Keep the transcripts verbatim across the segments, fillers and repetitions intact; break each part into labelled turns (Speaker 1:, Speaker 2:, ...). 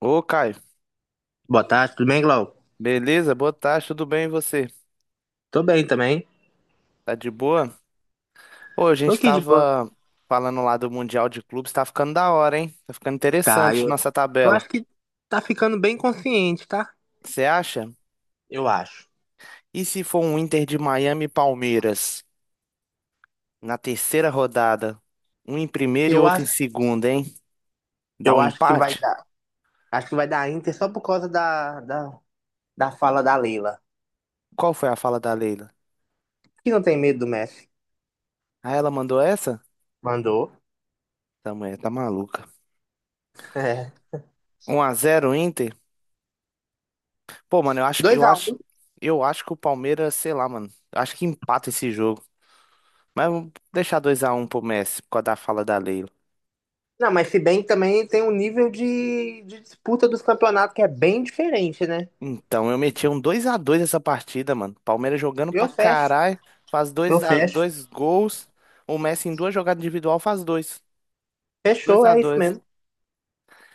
Speaker 1: Ô, Caio,
Speaker 2: Boa tarde, tudo bem, Glau?
Speaker 1: beleza? Boa tarde, tudo bem e você?
Speaker 2: Tô bem também.
Speaker 1: Tá de boa? Ô, a
Speaker 2: Tô
Speaker 1: gente
Speaker 2: aqui de boa.
Speaker 1: tava falando lá do Mundial de Clubes, tá ficando da hora, hein? Tá ficando
Speaker 2: Tá,
Speaker 1: interessante
Speaker 2: eu,
Speaker 1: nossa
Speaker 2: eu
Speaker 1: tabela.
Speaker 2: acho que tá ficando bem consciente, tá?
Speaker 1: Você acha?
Speaker 2: Eu acho.
Speaker 1: E se for um Inter de Miami e Palmeiras na terceira rodada? Um em primeiro e
Speaker 2: Eu
Speaker 1: outro em
Speaker 2: acho,
Speaker 1: segundo, hein? Dá
Speaker 2: eu
Speaker 1: um
Speaker 2: acho que vai
Speaker 1: empate?
Speaker 2: dar. Acho que vai dar Inter só por causa da, da, da fala da Leila.
Speaker 1: Qual foi a fala da Leila?
Speaker 2: Que não tem medo do Messi.
Speaker 1: Ah, ela mandou essa?
Speaker 2: Mandou.
Speaker 1: Tá, mulher, tá maluca.
Speaker 2: É.
Speaker 1: Um a zero Inter? Pô, mano, eu acho que eu acho,
Speaker 2: dois a um.
Speaker 1: eu acho que o Palmeiras, sei lá, mano. Eu acho que empata esse jogo. Mas vamos deixar dois a um pro Messi, por causa da fala da Leila.
Speaker 2: Não, mas se bem que também tem um nível de, de disputa dos campeonatos que é bem diferente, né?
Speaker 1: Então, eu meti um dois a dois essa partida, mano. Palmeiras jogando pra
Speaker 2: Eu fecho.
Speaker 1: caralho, faz
Speaker 2: Eu
Speaker 1: dois, a-
Speaker 2: fecho.
Speaker 1: dois gols. O Messi em duas jogadas individual faz dois. Dois
Speaker 2: Fechou,
Speaker 1: a
Speaker 2: é isso
Speaker 1: dois.
Speaker 2: mesmo.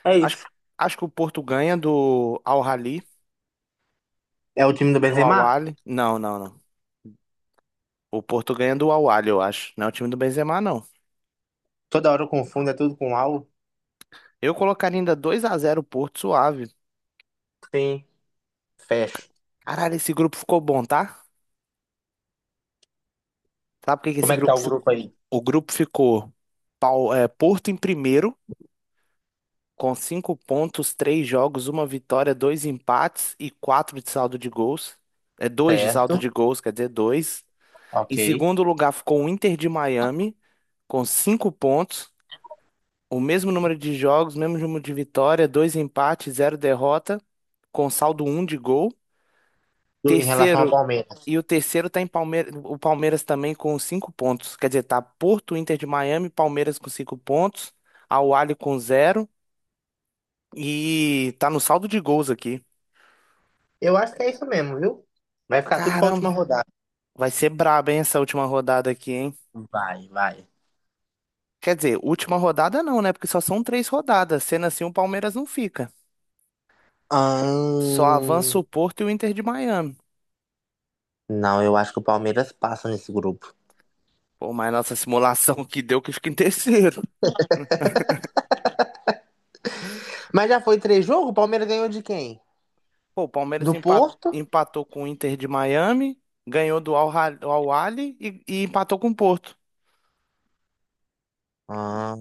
Speaker 2: É
Speaker 1: Acho,
Speaker 2: isso.
Speaker 1: acho que o Porto ganha do Al Ahly,
Speaker 2: É o time do
Speaker 1: do Al
Speaker 2: Benzema?
Speaker 1: Ahly. Não, não, não. O Porto ganha do Al Ahly, eu acho. Não é o time do Benzema, não.
Speaker 2: Toda hora eu confundo, é tudo com algo.
Speaker 1: Eu colocaria ainda dois a zero o Porto suave.
Speaker 2: Sim. Fecho.
Speaker 1: Caralho, esse grupo ficou bom, tá? Sabe por que que
Speaker 2: Como
Speaker 1: esse
Speaker 2: é que tá
Speaker 1: grupo
Speaker 2: o
Speaker 1: ficou?
Speaker 2: grupo aí?
Speaker 1: O grupo ficou Pau- é, Porto em primeiro, com cinco pontos, três jogos, uma vitória, dois empates e quatro de saldo de gols. É dois de saldo
Speaker 2: Certo.
Speaker 1: de gols, quer dizer, dois. Em
Speaker 2: Ok.
Speaker 1: segundo lugar ficou o Inter de Miami, com cinco pontos, o mesmo número de jogos, mesmo número de vitória, dois empates, zero derrota, com saldo um de gol.
Speaker 2: Do- em relação ao
Speaker 1: Terceiro,
Speaker 2: Palmeiras.
Speaker 1: e o terceiro tá em Palmeiras, o Palmeiras também com cinco pontos. Quer dizer, tá Porto, Inter de Miami, Palmeiras com cinco pontos, Al Ahly com zero. E tá no saldo de gols aqui.
Speaker 2: Eu acho que é isso mesmo, viu? Vai ficar tudo pra última
Speaker 1: Caramba,
Speaker 2: rodada.
Speaker 1: vai ser braba, hein, essa última rodada aqui, hein?
Speaker 2: Vai, vai.
Speaker 1: Quer dizer, última rodada não, né? Porque só são três rodadas. Sendo assim, o Palmeiras não fica. Só avança
Speaker 2: Ahn,
Speaker 1: o Porto e o Inter de Miami.
Speaker 2: Não, eu acho que o Palmeiras passa nesse grupo.
Speaker 1: Pô, mas nossa simulação que deu que fica em terceiro.
Speaker 2: Mas já foi três jogos? O Palmeiras ganhou de quem?
Speaker 1: Pô, o Palmeiras
Speaker 2: Do
Speaker 1: empa-
Speaker 2: Porto?
Speaker 1: empatou com o Inter de Miami, ganhou do Al Hal- Al Ahly e, e empatou com o Porto.
Speaker 2: Ah,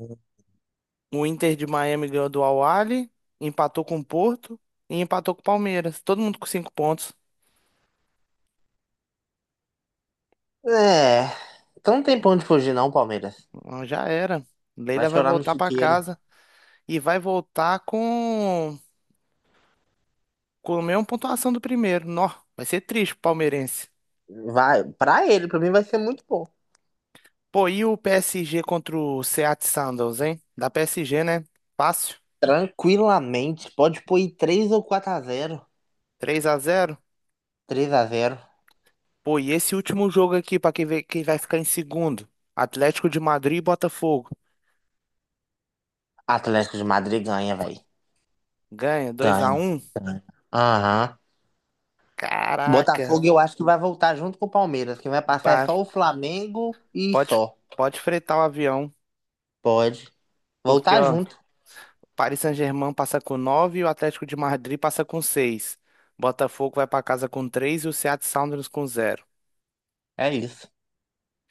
Speaker 1: O Inter de Miami ganhou do Al Ahly, empatou com o Porto e empatou com o Palmeiras. Todo mundo com cinco pontos.
Speaker 2: é. Então não tem pra onde fugir, não, Palmeiras.
Speaker 1: Ah, já era.
Speaker 2: Vai
Speaker 1: Leila vai
Speaker 2: chorar no
Speaker 1: voltar pra
Speaker 2: chiqueiro.
Speaker 1: casa e vai voltar com, com a mesma pontuação do primeiro. Nó, vai ser triste pro palmeirense.
Speaker 2: Vai, pra ele, pra mim vai ser muito bom.
Speaker 1: Pô, e o P S G contra o Seattle Sounders, hein? Da P S G, né? Fácil.
Speaker 2: Tranquilamente, pode pôr aí três ou quatro a zero,
Speaker 1: Três a zero.
Speaker 2: três a zero.
Speaker 1: Pô, e esse último jogo aqui pra quem vê quem vai ficar em segundo. Atlético de Madrid e Botafogo.
Speaker 2: Atlético de Madrid ganha, velho.
Speaker 1: Ganha dois a
Speaker 2: Ganha,
Speaker 1: um.
Speaker 2: ganha. Aham.
Speaker 1: Caraca.
Speaker 2: Botafogo eu acho que vai voltar junto com o Palmeiras. Quem vai passar é
Speaker 1: Pá,
Speaker 2: só o Flamengo e
Speaker 1: Pode
Speaker 2: só.
Speaker 1: pode fretar o avião,
Speaker 2: Pode.
Speaker 1: porque
Speaker 2: Voltar
Speaker 1: ó,
Speaker 2: junto.
Speaker 1: Paris Saint-Germain passa com nove, e o Atlético de Madrid passa com seis, Botafogo vai para casa com três e o Seattle Sounders com zero.
Speaker 2: É isso.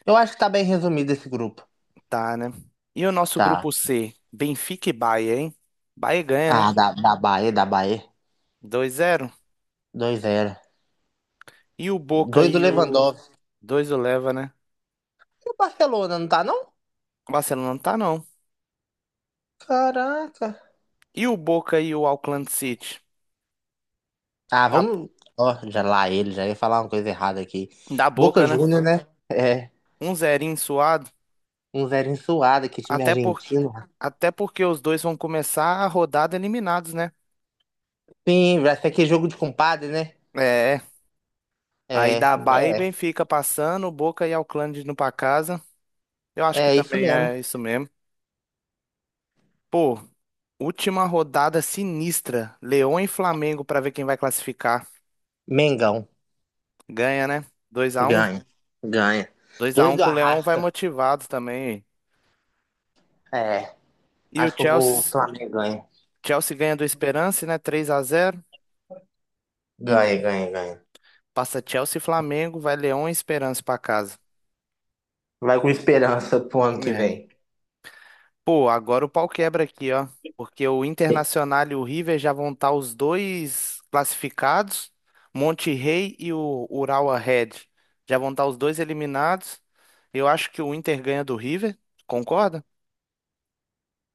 Speaker 2: Eu acho que tá bem resumido esse grupo.
Speaker 1: Tá, né? E o nosso
Speaker 2: Tá.
Speaker 1: grupo C, Benfica e Bahia, hein? Bahia ganha, né?
Speaker 2: Ah, da, da Bahia, da Bahia.
Speaker 1: dois a zero.
Speaker 2: dois zero.
Speaker 1: E o Boca
Speaker 2: Dois do
Speaker 1: e o
Speaker 2: Lewandowski.
Speaker 1: dois o leva, né?
Speaker 2: E o Barcelona, não tá, não?
Speaker 1: O Barcelona não tá não.
Speaker 2: Caraca.
Speaker 1: E o Boca e o Auckland City.
Speaker 2: Ah,
Speaker 1: Da,
Speaker 2: vamos. Ó, já lá ele, já ia falar uma coisa errada aqui.
Speaker 1: da
Speaker 2: Boca
Speaker 1: Boca, né?
Speaker 2: Júnior, né? É.
Speaker 1: Um zerinho suado,
Speaker 2: Um zero suado, que time
Speaker 1: até por
Speaker 2: argentino.
Speaker 1: até porque os dois vão começar a rodada eliminados, né?
Speaker 2: Sim, vai ser aquele jogo de compadre, né?
Speaker 1: É. Aí
Speaker 2: É,
Speaker 1: da Bahia e
Speaker 2: é,
Speaker 1: Benfica passando, o Boca e Auckland indo pra casa. Eu acho que
Speaker 2: é isso
Speaker 1: também
Speaker 2: mesmo.
Speaker 1: é isso mesmo. Pô, última rodada sinistra. Leão e Flamengo pra ver quem vai classificar.
Speaker 2: Mengão,
Speaker 1: Ganha, né? Dois a um,
Speaker 2: ganha, ganha.
Speaker 1: dois a
Speaker 2: Dois
Speaker 1: um
Speaker 2: do
Speaker 1: com o Leão vai
Speaker 2: Arrasca,
Speaker 1: motivado também.
Speaker 2: é,
Speaker 1: E o
Speaker 2: acho que eu vou, o
Speaker 1: Chelsea,
Speaker 2: Flamengo ganha.
Speaker 1: Chelsea ganha do Esperance, né? Três a zero.
Speaker 2: Ganha, ganha, ganha.
Speaker 1: Passa Chelsea e Flamengo, vai Leão e Esperance pra casa.
Speaker 2: Vai com esperança pro ano que
Speaker 1: É.
Speaker 2: vem.
Speaker 1: Pô, agora o pau quebra aqui, ó. Porque o Internacional e o River já vão estar os dois classificados. Monte Rey e o Urawa Red já vão estar os dois eliminados. Eu acho que o Inter ganha do River, concorda?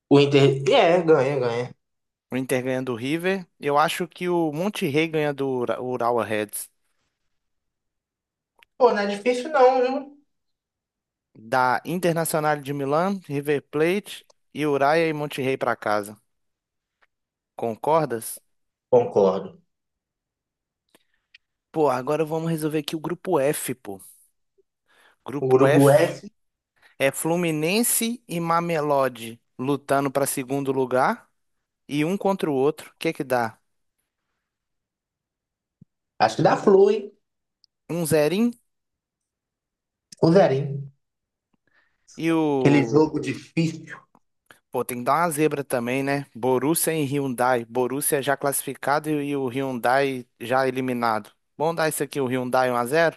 Speaker 2: O Inter, é, ganha, ganha.
Speaker 1: O Inter ganha do River. Eu acho que o Monte Rey ganha do Ura- Urawa Reds.
Speaker 2: Pô, não é difícil não, viu?
Speaker 1: Da Internacional de Milão, River Plate e Uraia e Monte Rey pra casa. Concordas?
Speaker 2: Concordo.
Speaker 1: Pô, agora vamos resolver aqui o grupo F, pô.
Speaker 2: O
Speaker 1: Grupo
Speaker 2: Grupo
Speaker 1: F.
Speaker 2: F,
Speaker 1: É Fluminense e Mamelodi lutando para segundo lugar e um contra o outro. O que que dá?
Speaker 2: acho que dá flu, hein?
Speaker 1: Um zerinho
Speaker 2: O Zerinho.
Speaker 1: e
Speaker 2: Aquele
Speaker 1: o.
Speaker 2: jogo difícil.
Speaker 1: Pô, tem que dar uma zebra também, né? Borussia e Hyundai. Borussia já classificado e e o Hyundai já eliminado. Vamos dar isso aqui, o Hyundai um a zero.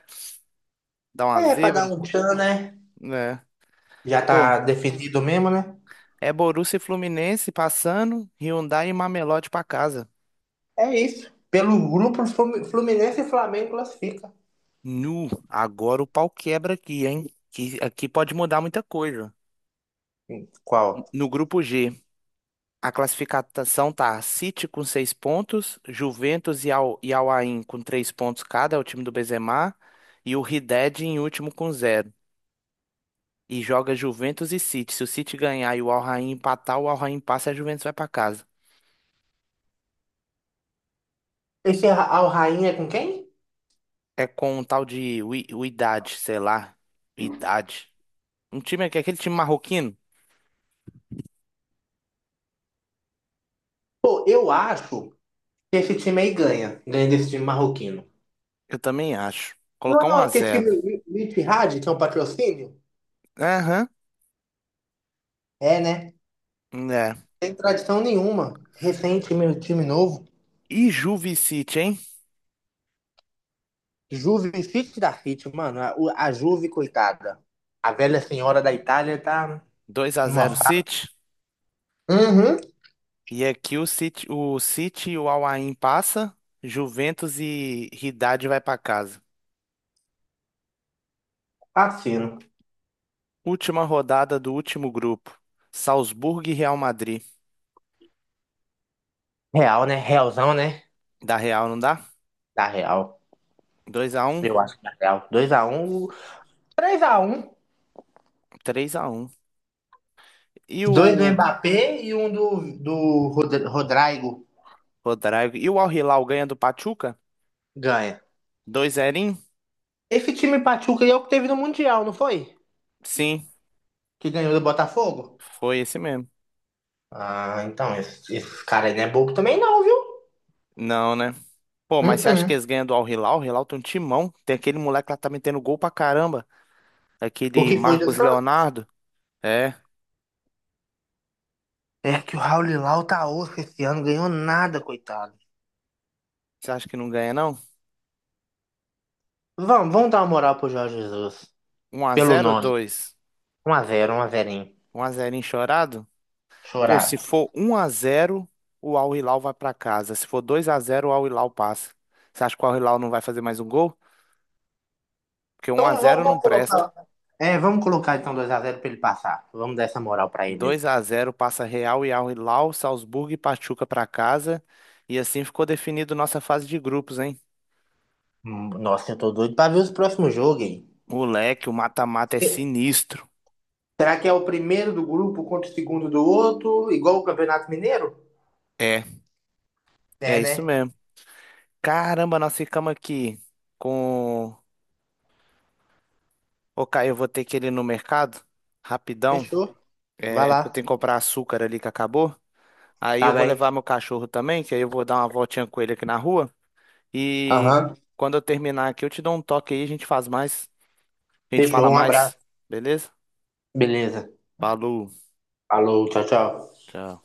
Speaker 1: Dá uma
Speaker 2: É, pra dar
Speaker 1: zebra,
Speaker 2: um tchan, né?
Speaker 1: né?
Speaker 2: Já
Speaker 1: Pô,
Speaker 2: tá definido mesmo, né?
Speaker 1: é Borussia e Fluminense passando, Hyundai e Mamelodi para casa.
Speaker 2: É isso. Pelo grupo, Flu- Fluminense e Flamengo classifica.
Speaker 1: Nu, agora o pau quebra aqui, hein? Que aqui pode mudar muita coisa.
Speaker 2: Qual?
Speaker 1: No grupo G. A classificação tá City com seis pontos, Juventus e, Al, e Al Ain com três pontos cada, é o time do Benzema, e o Wydad em último com zero. E joga Juventus e City. Se o City ganhar e o Al Ain empatar, o Al Ain passa e a Juventus vai pra casa.
Speaker 2: Esse Al Rain é com quem?
Speaker 1: É com um tal de Wi- Wydad, sei lá. Wydad. Um time que aquele time marroquino?
Speaker 2: Pô, eu acho que esse time aí ganha. Ganha desse time marroquino.
Speaker 1: Eu também acho. Colocar um
Speaker 2: Não é
Speaker 1: a
Speaker 2: aquele
Speaker 1: zero.
Speaker 2: time Ittihad, que é um patrocínio?
Speaker 1: Aham,
Speaker 2: É, né?
Speaker 1: é.
Speaker 2: Sem tradição nenhuma. Recente, meu time novo.
Speaker 1: E Juve e City, hein?
Speaker 2: Juve Fit da Fit, mano. A, o- a Juve, coitada. A velha senhora da Itália tá
Speaker 1: Dois a
Speaker 2: numa
Speaker 1: zero
Speaker 2: fase.
Speaker 1: City.
Speaker 2: Uhum.
Speaker 1: E aqui o City, o City, e o Al Ain passa, Juventus e Haddad vai para casa.
Speaker 2: Fascino.
Speaker 1: Última rodada do último grupo. Salzburgo e Real Madrid.
Speaker 2: Real, né? Realzão, né?
Speaker 1: Da Real não dá?
Speaker 2: Da Real.
Speaker 1: Dois a um,
Speaker 2: Eu acho que da Real. Dois a um, três a um.
Speaker 1: três a um. E
Speaker 2: Dois do
Speaker 1: o
Speaker 2: Mbappé e um do, do Rod- Rodrigo.
Speaker 1: Rodrigo, e o Al Hilal ganha do Pachuca?
Speaker 2: Ganha.
Speaker 1: Dois a zero.
Speaker 2: Esse time Pachuca aí é o que teve no Mundial, não foi?
Speaker 1: Sim,
Speaker 2: Que ganhou do Botafogo?
Speaker 1: foi esse mesmo.
Speaker 2: Ah, então, esse, esse cara aí não é bobo também não, viu?
Speaker 1: Não, né? Pô, mas você acha
Speaker 2: Uh-uh.
Speaker 1: que eles ganham do Al Hilal? O Hilal tem um timão. Tem aquele moleque lá que tá metendo gol pra caramba.
Speaker 2: O
Speaker 1: Aquele
Speaker 2: que foi do
Speaker 1: Marcos
Speaker 2: Santos?
Speaker 1: Leonardo. É,
Speaker 2: É que o Raul Lilau tá osso esse ano, ganhou nada, coitado.
Speaker 1: você acha que não ganha, não?
Speaker 2: Vamos, vamos dar uma moral pro Jorge Jesus.
Speaker 1: Um a
Speaker 2: Pelo
Speaker 1: zero ou
Speaker 2: nome.
Speaker 1: dois?
Speaker 2: Um a zero, um a zero.
Speaker 1: um a zero enchorado? Pô, se
Speaker 2: Chorado.
Speaker 1: for um a zero o Al Hilal vai pra casa. Se for dois a zero o Al Hilal passa. Você acha que o Al Hilal não vai fazer mais um gol? Porque um
Speaker 2: Então
Speaker 1: a
Speaker 2: vamos,
Speaker 1: zero não
Speaker 2: vamos colocar.
Speaker 1: presta.
Speaker 2: É, vamos colocar então dois a zero pra ele passar. Vamos dar essa moral pra ele aí.
Speaker 1: Dois a zero passa Real e Al Hilal, Salzburgo e Pachuca pra casa. E assim ficou definido nossa fase de grupos, hein?
Speaker 2: Hum, Nossa, eu tô doido pra ver os próximos jogos, hein?
Speaker 1: Moleque, o mata-mata é
Speaker 2: Se-
Speaker 1: sinistro.
Speaker 2: Será que é o primeiro do grupo contra o segundo do outro, igual o Campeonato Mineiro?
Speaker 1: É, é
Speaker 2: É,
Speaker 1: isso
Speaker 2: né?
Speaker 1: mesmo. Caramba, nós ficamos aqui com. Ô, Caio, eu vou ter que ir ali no mercado. Rapidão.
Speaker 2: Fechou. Vai
Speaker 1: É, porque eu
Speaker 2: lá.
Speaker 1: tenho que comprar açúcar ali que acabou. Aí eu
Speaker 2: Tá
Speaker 1: vou
Speaker 2: bem.
Speaker 1: levar meu cachorro também, que aí eu vou dar uma voltinha com ele aqui na rua. E
Speaker 2: Aham.
Speaker 1: quando eu terminar aqui, eu te dou um toque aí, a gente faz mais. A gente
Speaker 2: Fechou.
Speaker 1: fala
Speaker 2: Um
Speaker 1: mais,
Speaker 2: abraço.
Speaker 1: beleza?
Speaker 2: Beleza.
Speaker 1: Falou,
Speaker 2: Falou, tchau, tchau.
Speaker 1: tchau.